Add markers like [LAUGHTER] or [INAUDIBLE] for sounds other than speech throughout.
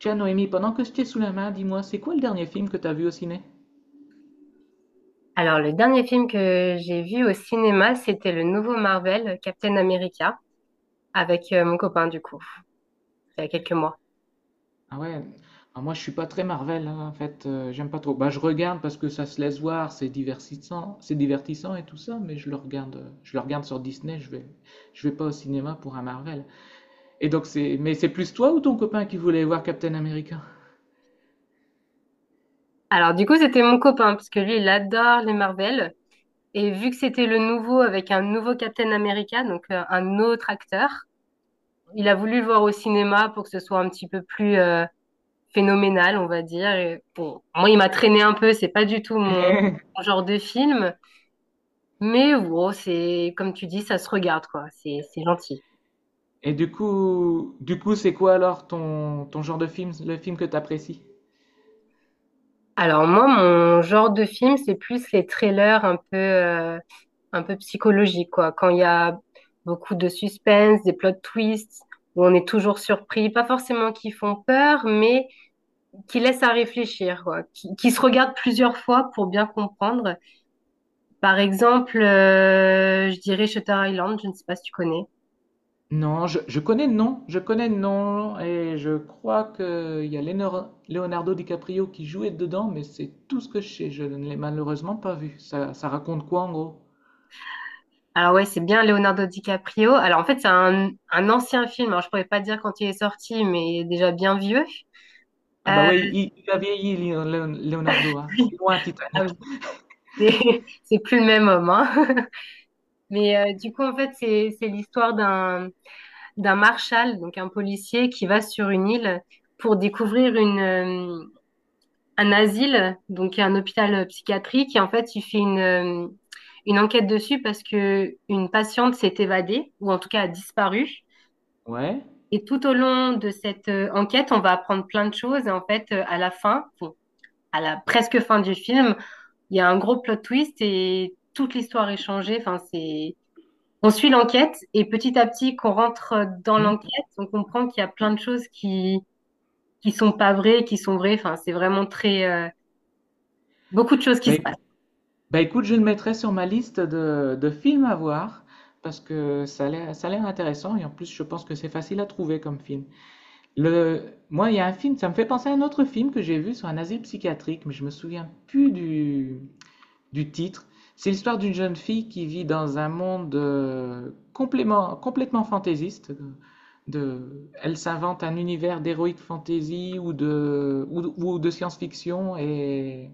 Tiens, Noémie, pendant que je t'ai sous la main, dis-moi, c'est quoi le dernier film que t'as vu au ciné? Alors, le dernier film que j'ai vu au cinéma, c'était le nouveau Marvel, Captain America, avec mon copain, du coup, il y a quelques mois. Ah ouais, ah, moi je suis pas très Marvel, hein, en fait, j'aime pas trop. Bah je regarde parce que ça se laisse voir, c'est divertissant et tout ça, mais je le regarde sur Disney, je vais pas au cinéma pour un Marvel. Et donc c'est, mais c'est plus toi ou ton copain qui voulait voir Captain America? Alors, du coup, c'était mon copain, parce que lui, il adore les Marvel. Et vu que c'était le nouveau, avec un nouveau Captain America, donc un autre acteur, il a voulu le voir au cinéma pour que ce soit un petit peu plus phénoménal, on va dire. Et bon, moi, il m'a traîné un peu, c'est pas du tout mon [LAUGHS] mon genre de film. Mais bon, c'est, comme tu dis, ça se regarde, quoi. C'est gentil. Et du coup, c'est quoi alors ton genre de film, le film que t'apprécies? Alors moi, mon genre de film, c'est plus les trailers un peu psychologiques, quoi. Quand il y a beaucoup de suspense, des plot twists, où on est toujours surpris, pas forcément qui font peur, mais qui laissent à réfléchir, quoi. Qui se regardent plusieurs fois pour bien comprendre. Par exemple, je dirais Shutter Island, je ne sais pas si tu connais. Non, je connais le nom, je connais le nom, et je crois que il y a Leonardo DiCaprio qui jouait dedans, mais c'est tout ce que je sais, je ne l'ai malheureusement pas vu. Ça raconte quoi en gros? Alors ouais, c'est bien Leonardo DiCaprio. Alors en fait, c'est un ancien film. Alors je pourrais pas dire quand il est sorti, mais il est déjà bien vieux. Ah bah oui, Euh, il a vieilli, Leonardo, hein. C'est loin Titanic. C'est [LAUGHS] c'est plus le même homme, hein. [LAUGHS] Mais du coup, en fait, c'est l'histoire d'un marshal, donc un policier qui va sur une île pour découvrir une un asile, donc un hôpital psychiatrique. Et en fait, il fait une enquête dessus parce que une patiente s'est évadée ou en tout cas a disparu. Ouais. Et tout au long de cette enquête, on va apprendre plein de choses. Et en fait, à la fin, bon, à la presque fin du film, il y a un gros plot twist et toute l'histoire est changée. Enfin, c'est On suit l'enquête et petit à petit qu'on rentre dans Hmm. l'enquête, on comprend qu'il y a plein de choses qui sont pas vraies, qui sont vraies. Enfin, c'est vraiment très beaucoup de choses qui Bah, se éc- passent. bah écoute, je le mettrai sur ma liste de films à voir, parce que ça a l'air intéressant, et en plus je pense que c'est facile à trouver comme film. Le... Moi, il y a un film, ça me fait penser à un autre film que j'ai vu sur un asile psychiatrique, mais je me souviens plus du titre. C'est l'histoire d'une jeune fille qui vit dans un monde complètement fantaisiste. De... Elle s'invente un univers d'héroïque fantasy ou ou de science-fiction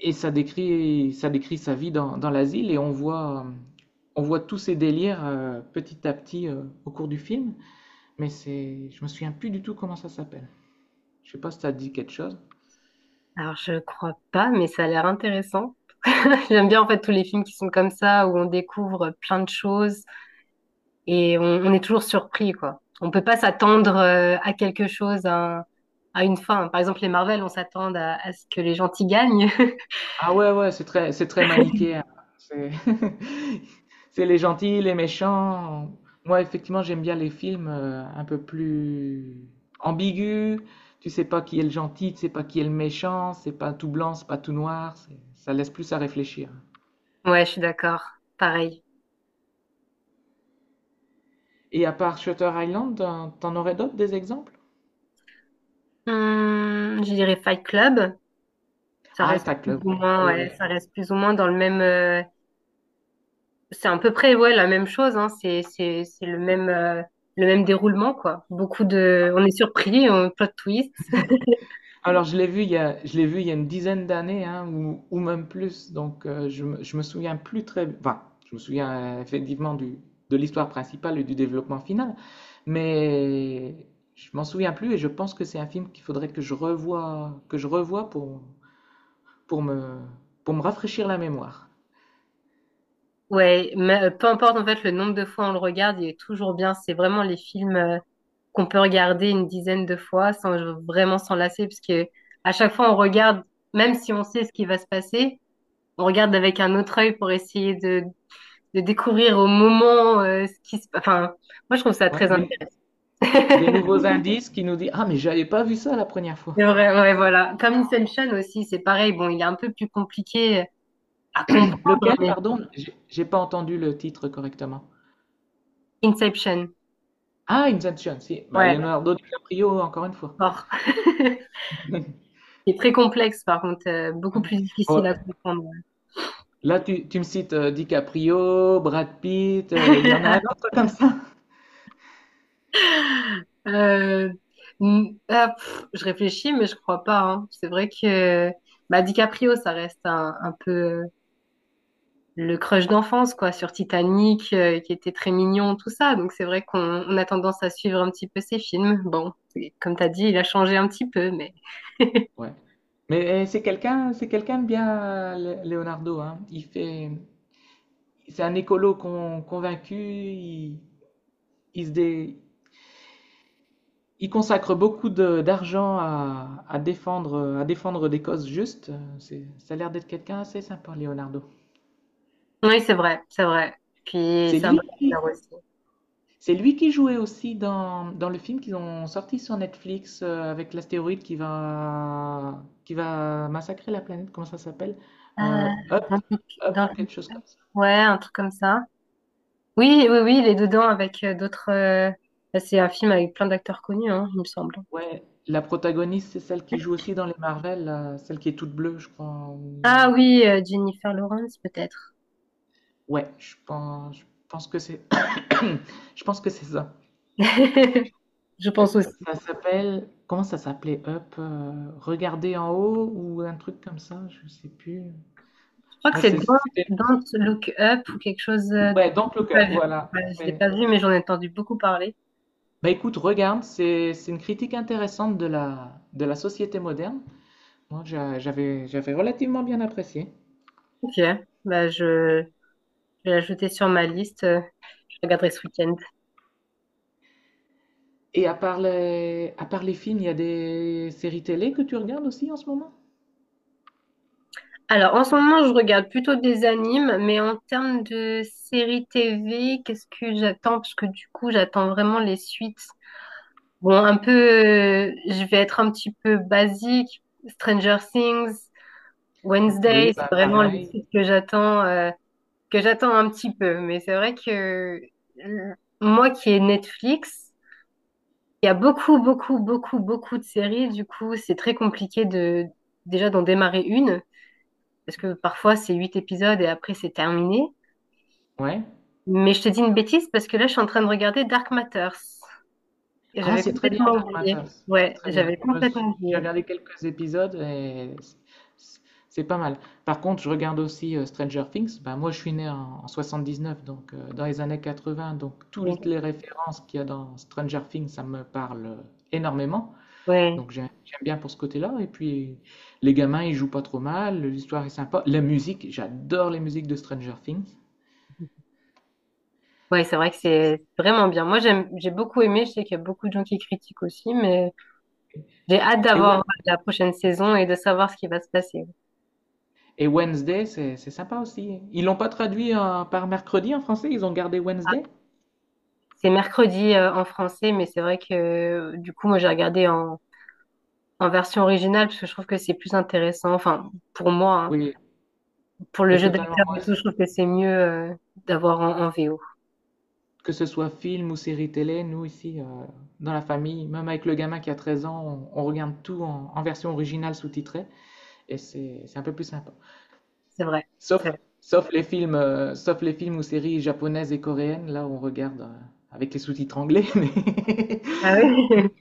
et ça décrit sa vie dans l'asile et on voit tous ses délires petit à petit au cours du film, mais c'est, je me souviens plus du tout comment ça s'appelle. Je sais pas si ça te dit quelque chose. Alors je crois pas, mais ça a l'air intéressant. [LAUGHS] J'aime bien en fait tous les films qui sont comme ça où on découvre plein de choses et on est toujours surpris, quoi. On peut pas s'attendre à quelque chose, à une fin. Par exemple les Marvel, on s'attend à ce que les gentils gagnent. [LAUGHS] Ah ouais, ouais, c'est très manichéen. C'est [LAUGHS] c'est les gentils, les méchants. Moi, effectivement, j'aime bien les films un peu plus ambigus. Tu sais pas qui est le gentil, tu sais pas qui est le méchant. C'est pas tout blanc, c'est pas tout noir. Ça laisse plus à réfléchir. Ouais, je suis d'accord. Pareil. Et à part Shutter Island, t'en aurais d'autres des exemples? Je dirais Fight Club. Ça Ah, reste Fight plus Club. ou Ouais. Ah moins, oui, ouais, oui. ça reste plus ou moins dans le même. C'est à peu près, ouais, la même chose, hein. C'est le même, déroulement, quoi. Beaucoup de. On est surpris, on plot twist. [LAUGHS] Alors, je l'ai vu il y a une dizaine d'années, hein, ou même plus. Donc, je me souviens plus très, enfin, je me souviens effectivement de l'histoire principale et du développement final, mais je m'en souviens plus et je pense que c'est un film qu'il faudrait que je revoie, pour, pour me, pour me rafraîchir la mémoire. Ouais, mais peu importe en fait le nombre de fois on le regarde, il est toujours bien. C'est vraiment les films qu'on peut regarder une dizaine de fois sans vraiment s'en lasser, parce que à chaque fois on regarde, même si on sait ce qui va se passer, on regarde avec un autre œil pour essayer de découvrir au moment ce qui se. Enfin, moi je trouve ça Ouais, très intéressant. des nouveaux indices qui nous disent, ah, mais j'avais pas vu ça la première fois. C'est vrai, ouais, voilà. Comme Inception aussi, c'est pareil. Bon, il est un peu plus compliqué à comprendre, Lequel, mais pardon? J'ai pas entendu le titre correctement. Inception, Ah, Inception, si. Bah, ouais, Leonardo DiCaprio, encore une fois. fort. [LAUGHS] C'est très complexe, par contre, beaucoup Ouais. plus difficile Bon, à comprendre. là, tu me cites DiCaprio, Brad Pitt, il y en a un [LAUGHS] autre comme ça. Euh, ah, pff, je réfléchis, mais je crois pas, hein. C'est vrai que bah, DiCaprio, ça reste un peu le crush d'enfance, quoi, sur Titanic, qui était très mignon, tout ça. Donc c'est vrai qu'on a tendance à suivre un petit peu ses films. Bon, comme t'as dit, il a changé un petit peu, mais. Ouais. Mais c'est quelqu'un de bien, Leonardo, hein. C'est un écolo convaincu. Il se dé- il consacre beaucoup d'argent à défendre des causes justes. Ça a l'air d'être quelqu'un assez sympa, Leonardo. Oui, c'est vrai, c'est vrai. Puis C'est c'est un peu lui qui, cher aussi. C'est lui qui jouait aussi dans le film qu'ils ont sorti sur Netflix avec l'astéroïde qui va massacrer la planète. Comment ça s'appelle? Euh, Euh, dans Up, le- Up dans ou le- quelque chose comme ça. ouais, un truc comme ça. Oui, oui, oui, il est dedans avec d'autres. Bah, c'est un film avec plein d'acteurs connus, hein, il me semble. Ouais, la protagoniste, c'est celle qui joue aussi dans les Marvel, là, celle qui est toute bleue, je crois. Ah oui, Jennifer Lawrence, peut-être. Ouais, je pense que c'est, [COUGHS] je pense que c'est ça. [LAUGHS] Je pense aussi. Ça s'appelle, comment ça s'appelait Up? Euh, regarder en haut ou un truc comme ça, je sais plus. Je crois que c'est C'était Don't Look Up ou quelque chose. Ouais, donc le J'ai pas Cup, vu. voilà. Ouais, je l'ai C'est- pas vu, mais j'en ai entendu beaucoup parler. Bah écoute, regarde, c'est une critique intéressante de la société moderne. Moi, j'avais relativement bien apprécié. Ok, bah, je vais l'ajouter sur ma liste. Je regarderai ce week-end. Et à part les films, il y a des séries télé que tu regardes aussi en ce moment? Alors, en ce moment, je regarde plutôt des animes, mais en termes de séries TV, qu'est-ce que j'attends? Parce que du coup, j'attends vraiment les suites. Bon, je vais être un petit peu basique. Stranger Things, Oui, Wednesday, c'est bah vraiment les pareil. suites que j'attends un petit peu. Mais c'est vrai que euh, moi qui ai Netflix, il y a beaucoup, beaucoup, beaucoup, beaucoup de séries. Du coup, c'est très compliqué de déjà d'en démarrer une parce que parfois c'est huit épisodes et après c'est terminé. Ouais. Mais je te dis une bêtise parce que là je suis en train de regarder Dark Matters et Ah, j'avais c'est très bien complètement Dark Matter, oublié. c'est Ouais, très bien. j'avais complètement J'ai oublié. regardé quelques épisodes et c'est- c'est pas mal. Par contre, je regarde aussi Stranger Things. Ben moi, je suis né en 79, donc dans les années 80, donc toutes Oui. les références qu'il y a dans Stranger Things, ça me parle énormément. Ouais, J'aime bien pour ce côté-là. Et puis les gamins, ils jouent pas trop mal, l'histoire est sympa. La musique, j'adore les musiques de Stranger Things. ouais, c'est vrai que c'est vraiment bien. Moi j'ai beaucoup aimé. Je sais qu'il y a beaucoup de gens qui critiquent aussi, mais j'ai hâte Et ouais, d'avoir la prochaine saison et de savoir ce qui va se passer. et Wednesday, c'est sympa aussi. Ils l'ont pas traduit en- par mercredi en français, ils ont gardé Wednesday? C'est mercredi en français, mais c'est vrai que du coup moi j'ai regardé en version originale parce que je trouve que c'est plus intéressant. Enfin, pour moi, hein. Oui, Pour le oui, jeu totalement. d'acteur Moi, et tout, je trouve que c'est mieux d'avoir en, VO. que ce soit film ou série télé, nous ici, dans la famille, même avec le gamin qui a 13 ans, on regarde tout en version originale sous-titrée et c'est un peu plus sympa. C'est vrai. C'est vrai. Sauf les films ou séries japonaises et coréennes, là on regarde avec les sous-titres anglais, [LAUGHS] Ah oui. [LAUGHS]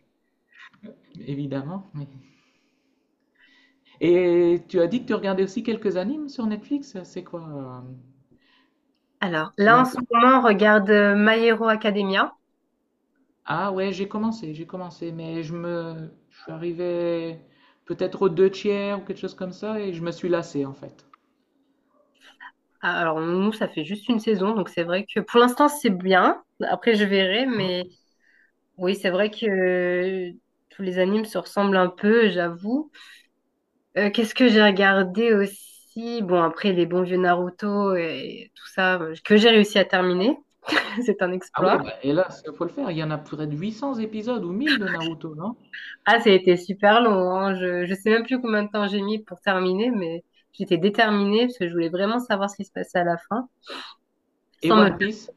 évidemment. mais- Et tu as dit que tu regardais aussi quelques animes sur Netflix, c'est quoi? Alors, là, en One ce moment, on regarde My Hero Academia. Ah ouais, j'ai commencé, mais je suis arrivé peut-être aux deux tiers ou quelque chose comme ça et je me suis lassé en fait. Ah, alors, nous, ça fait juste une saison, donc c'est vrai que pour l'instant, c'est bien. Après, je verrai, mais oui, c'est vrai que tous les animes se ressemblent un peu, j'avoue. Qu'est-ce que j'ai regardé aussi? Bon, après, les bons vieux Naruto et tout ça, que j'ai réussi à terminer, [LAUGHS] c'est un Ah exploit. ouais, bah, et là, il faut le faire. Il y en a près de 800 épisodes ou 1000 de Naruto, non? Ah, ça a été super long, hein. Je sais même plus combien de temps j'ai mis pour terminer, mais j'étais déterminée parce que je voulais vraiment savoir ce qui se passait à la fin, Et sans me One faire. Piece.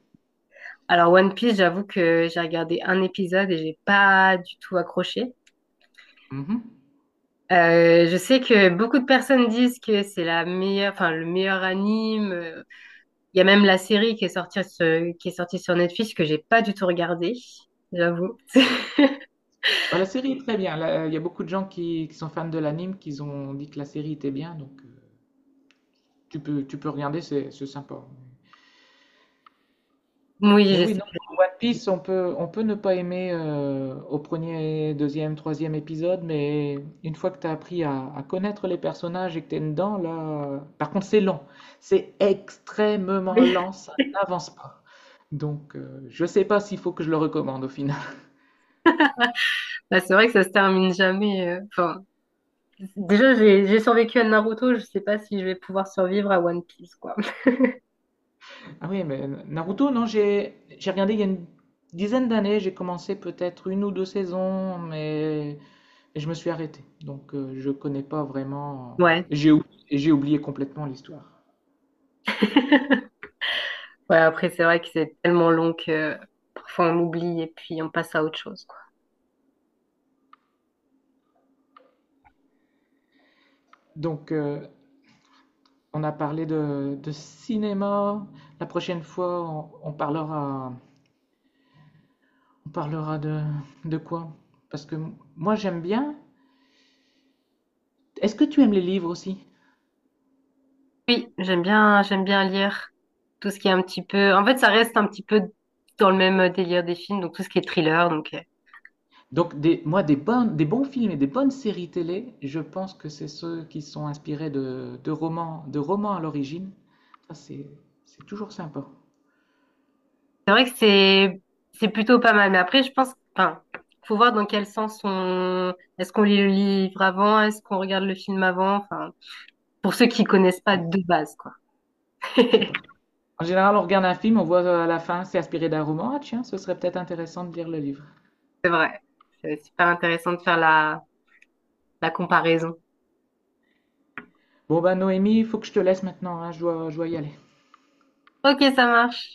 Alors, One Piece, j'avoue que j'ai regardé un épisode et j'ai pas du tout accroché. Mhm. Je sais que beaucoup de personnes disent que c'est la meilleure, enfin, le meilleur anime. Il y a même la série qui est sortie, qui est sortie sur Netflix que j'ai pas du tout regardée, j'avoue. [LAUGHS] Bah, la série est très bien. Là, il y a beaucoup de gens qui sont fans de l'anime qui ont dit que la série était bien, donc tu peux regarder, c'est sympa. Oui, Mais je oui, sais. non, One Piece, on peut ne pas aimer au premier, deuxième, troisième épisode, mais une fois que tu as appris à connaître les personnages et que tu es dedans, là. Par contre, c'est lent. C'est extrêmement Oui. lent, ça n'avance pas. Donc, je sais pas s'il faut que je le recommande au final. [LAUGHS] Bah, c'est vrai que ça se termine jamais. Enfin, déjà, j'ai survécu à Naruto, je sais pas si je vais pouvoir survivre à One Piece, quoi. Ah oui, mais Naruto, non, j'ai regardé il y a une dizaine d'années, j'ai commencé peut-être une ou deux saisons, mais je me suis arrêté. Donc, je connais pas vraiment. Ouais. J'ai ou- j'ai oublié complètement l'histoire. [LAUGHS] Ouais, après, c'est vrai que c'est tellement long que parfois on oublie et puis on passe à autre chose, quoi. Donc, on a parlé de cinéma. La prochaine fois, on parlera de quoi? Parce que moi, j'aime bien. Est-ce que tu aimes les livres aussi? Oui, j'aime bien lire tout ce qui est un petit peu. En fait, ça reste un petit peu dans le même délire des films, donc tout ce qui est thriller. Donc, Donc, bonnes, des bons films et des bonnes séries télé, je pense que c'est ceux qui sont inspirés de romans à l'origine. Ça, c'est, c'est toujours sympa. c'est vrai que c'est plutôt pas mal. Mais après, je pense, enfin, faut voir dans quel sens on. Est-ce qu'on lit le livre avant? Est-ce qu'on regarde le film avant? Enfin, pour ceux qui connaissent pas Allez, de base, quoi. c'est pas. [LAUGHS] En général, on regarde un film, on voit à la fin, c'est inspiré d'un roman. Ah, tiens, ce serait peut-être intéressant de lire le livre. C'est vrai. C'est super intéressant de faire la comparaison. Bon bah Noémie, il faut que je te laisse maintenant, hein, je dois y aller. Ok, ça marche.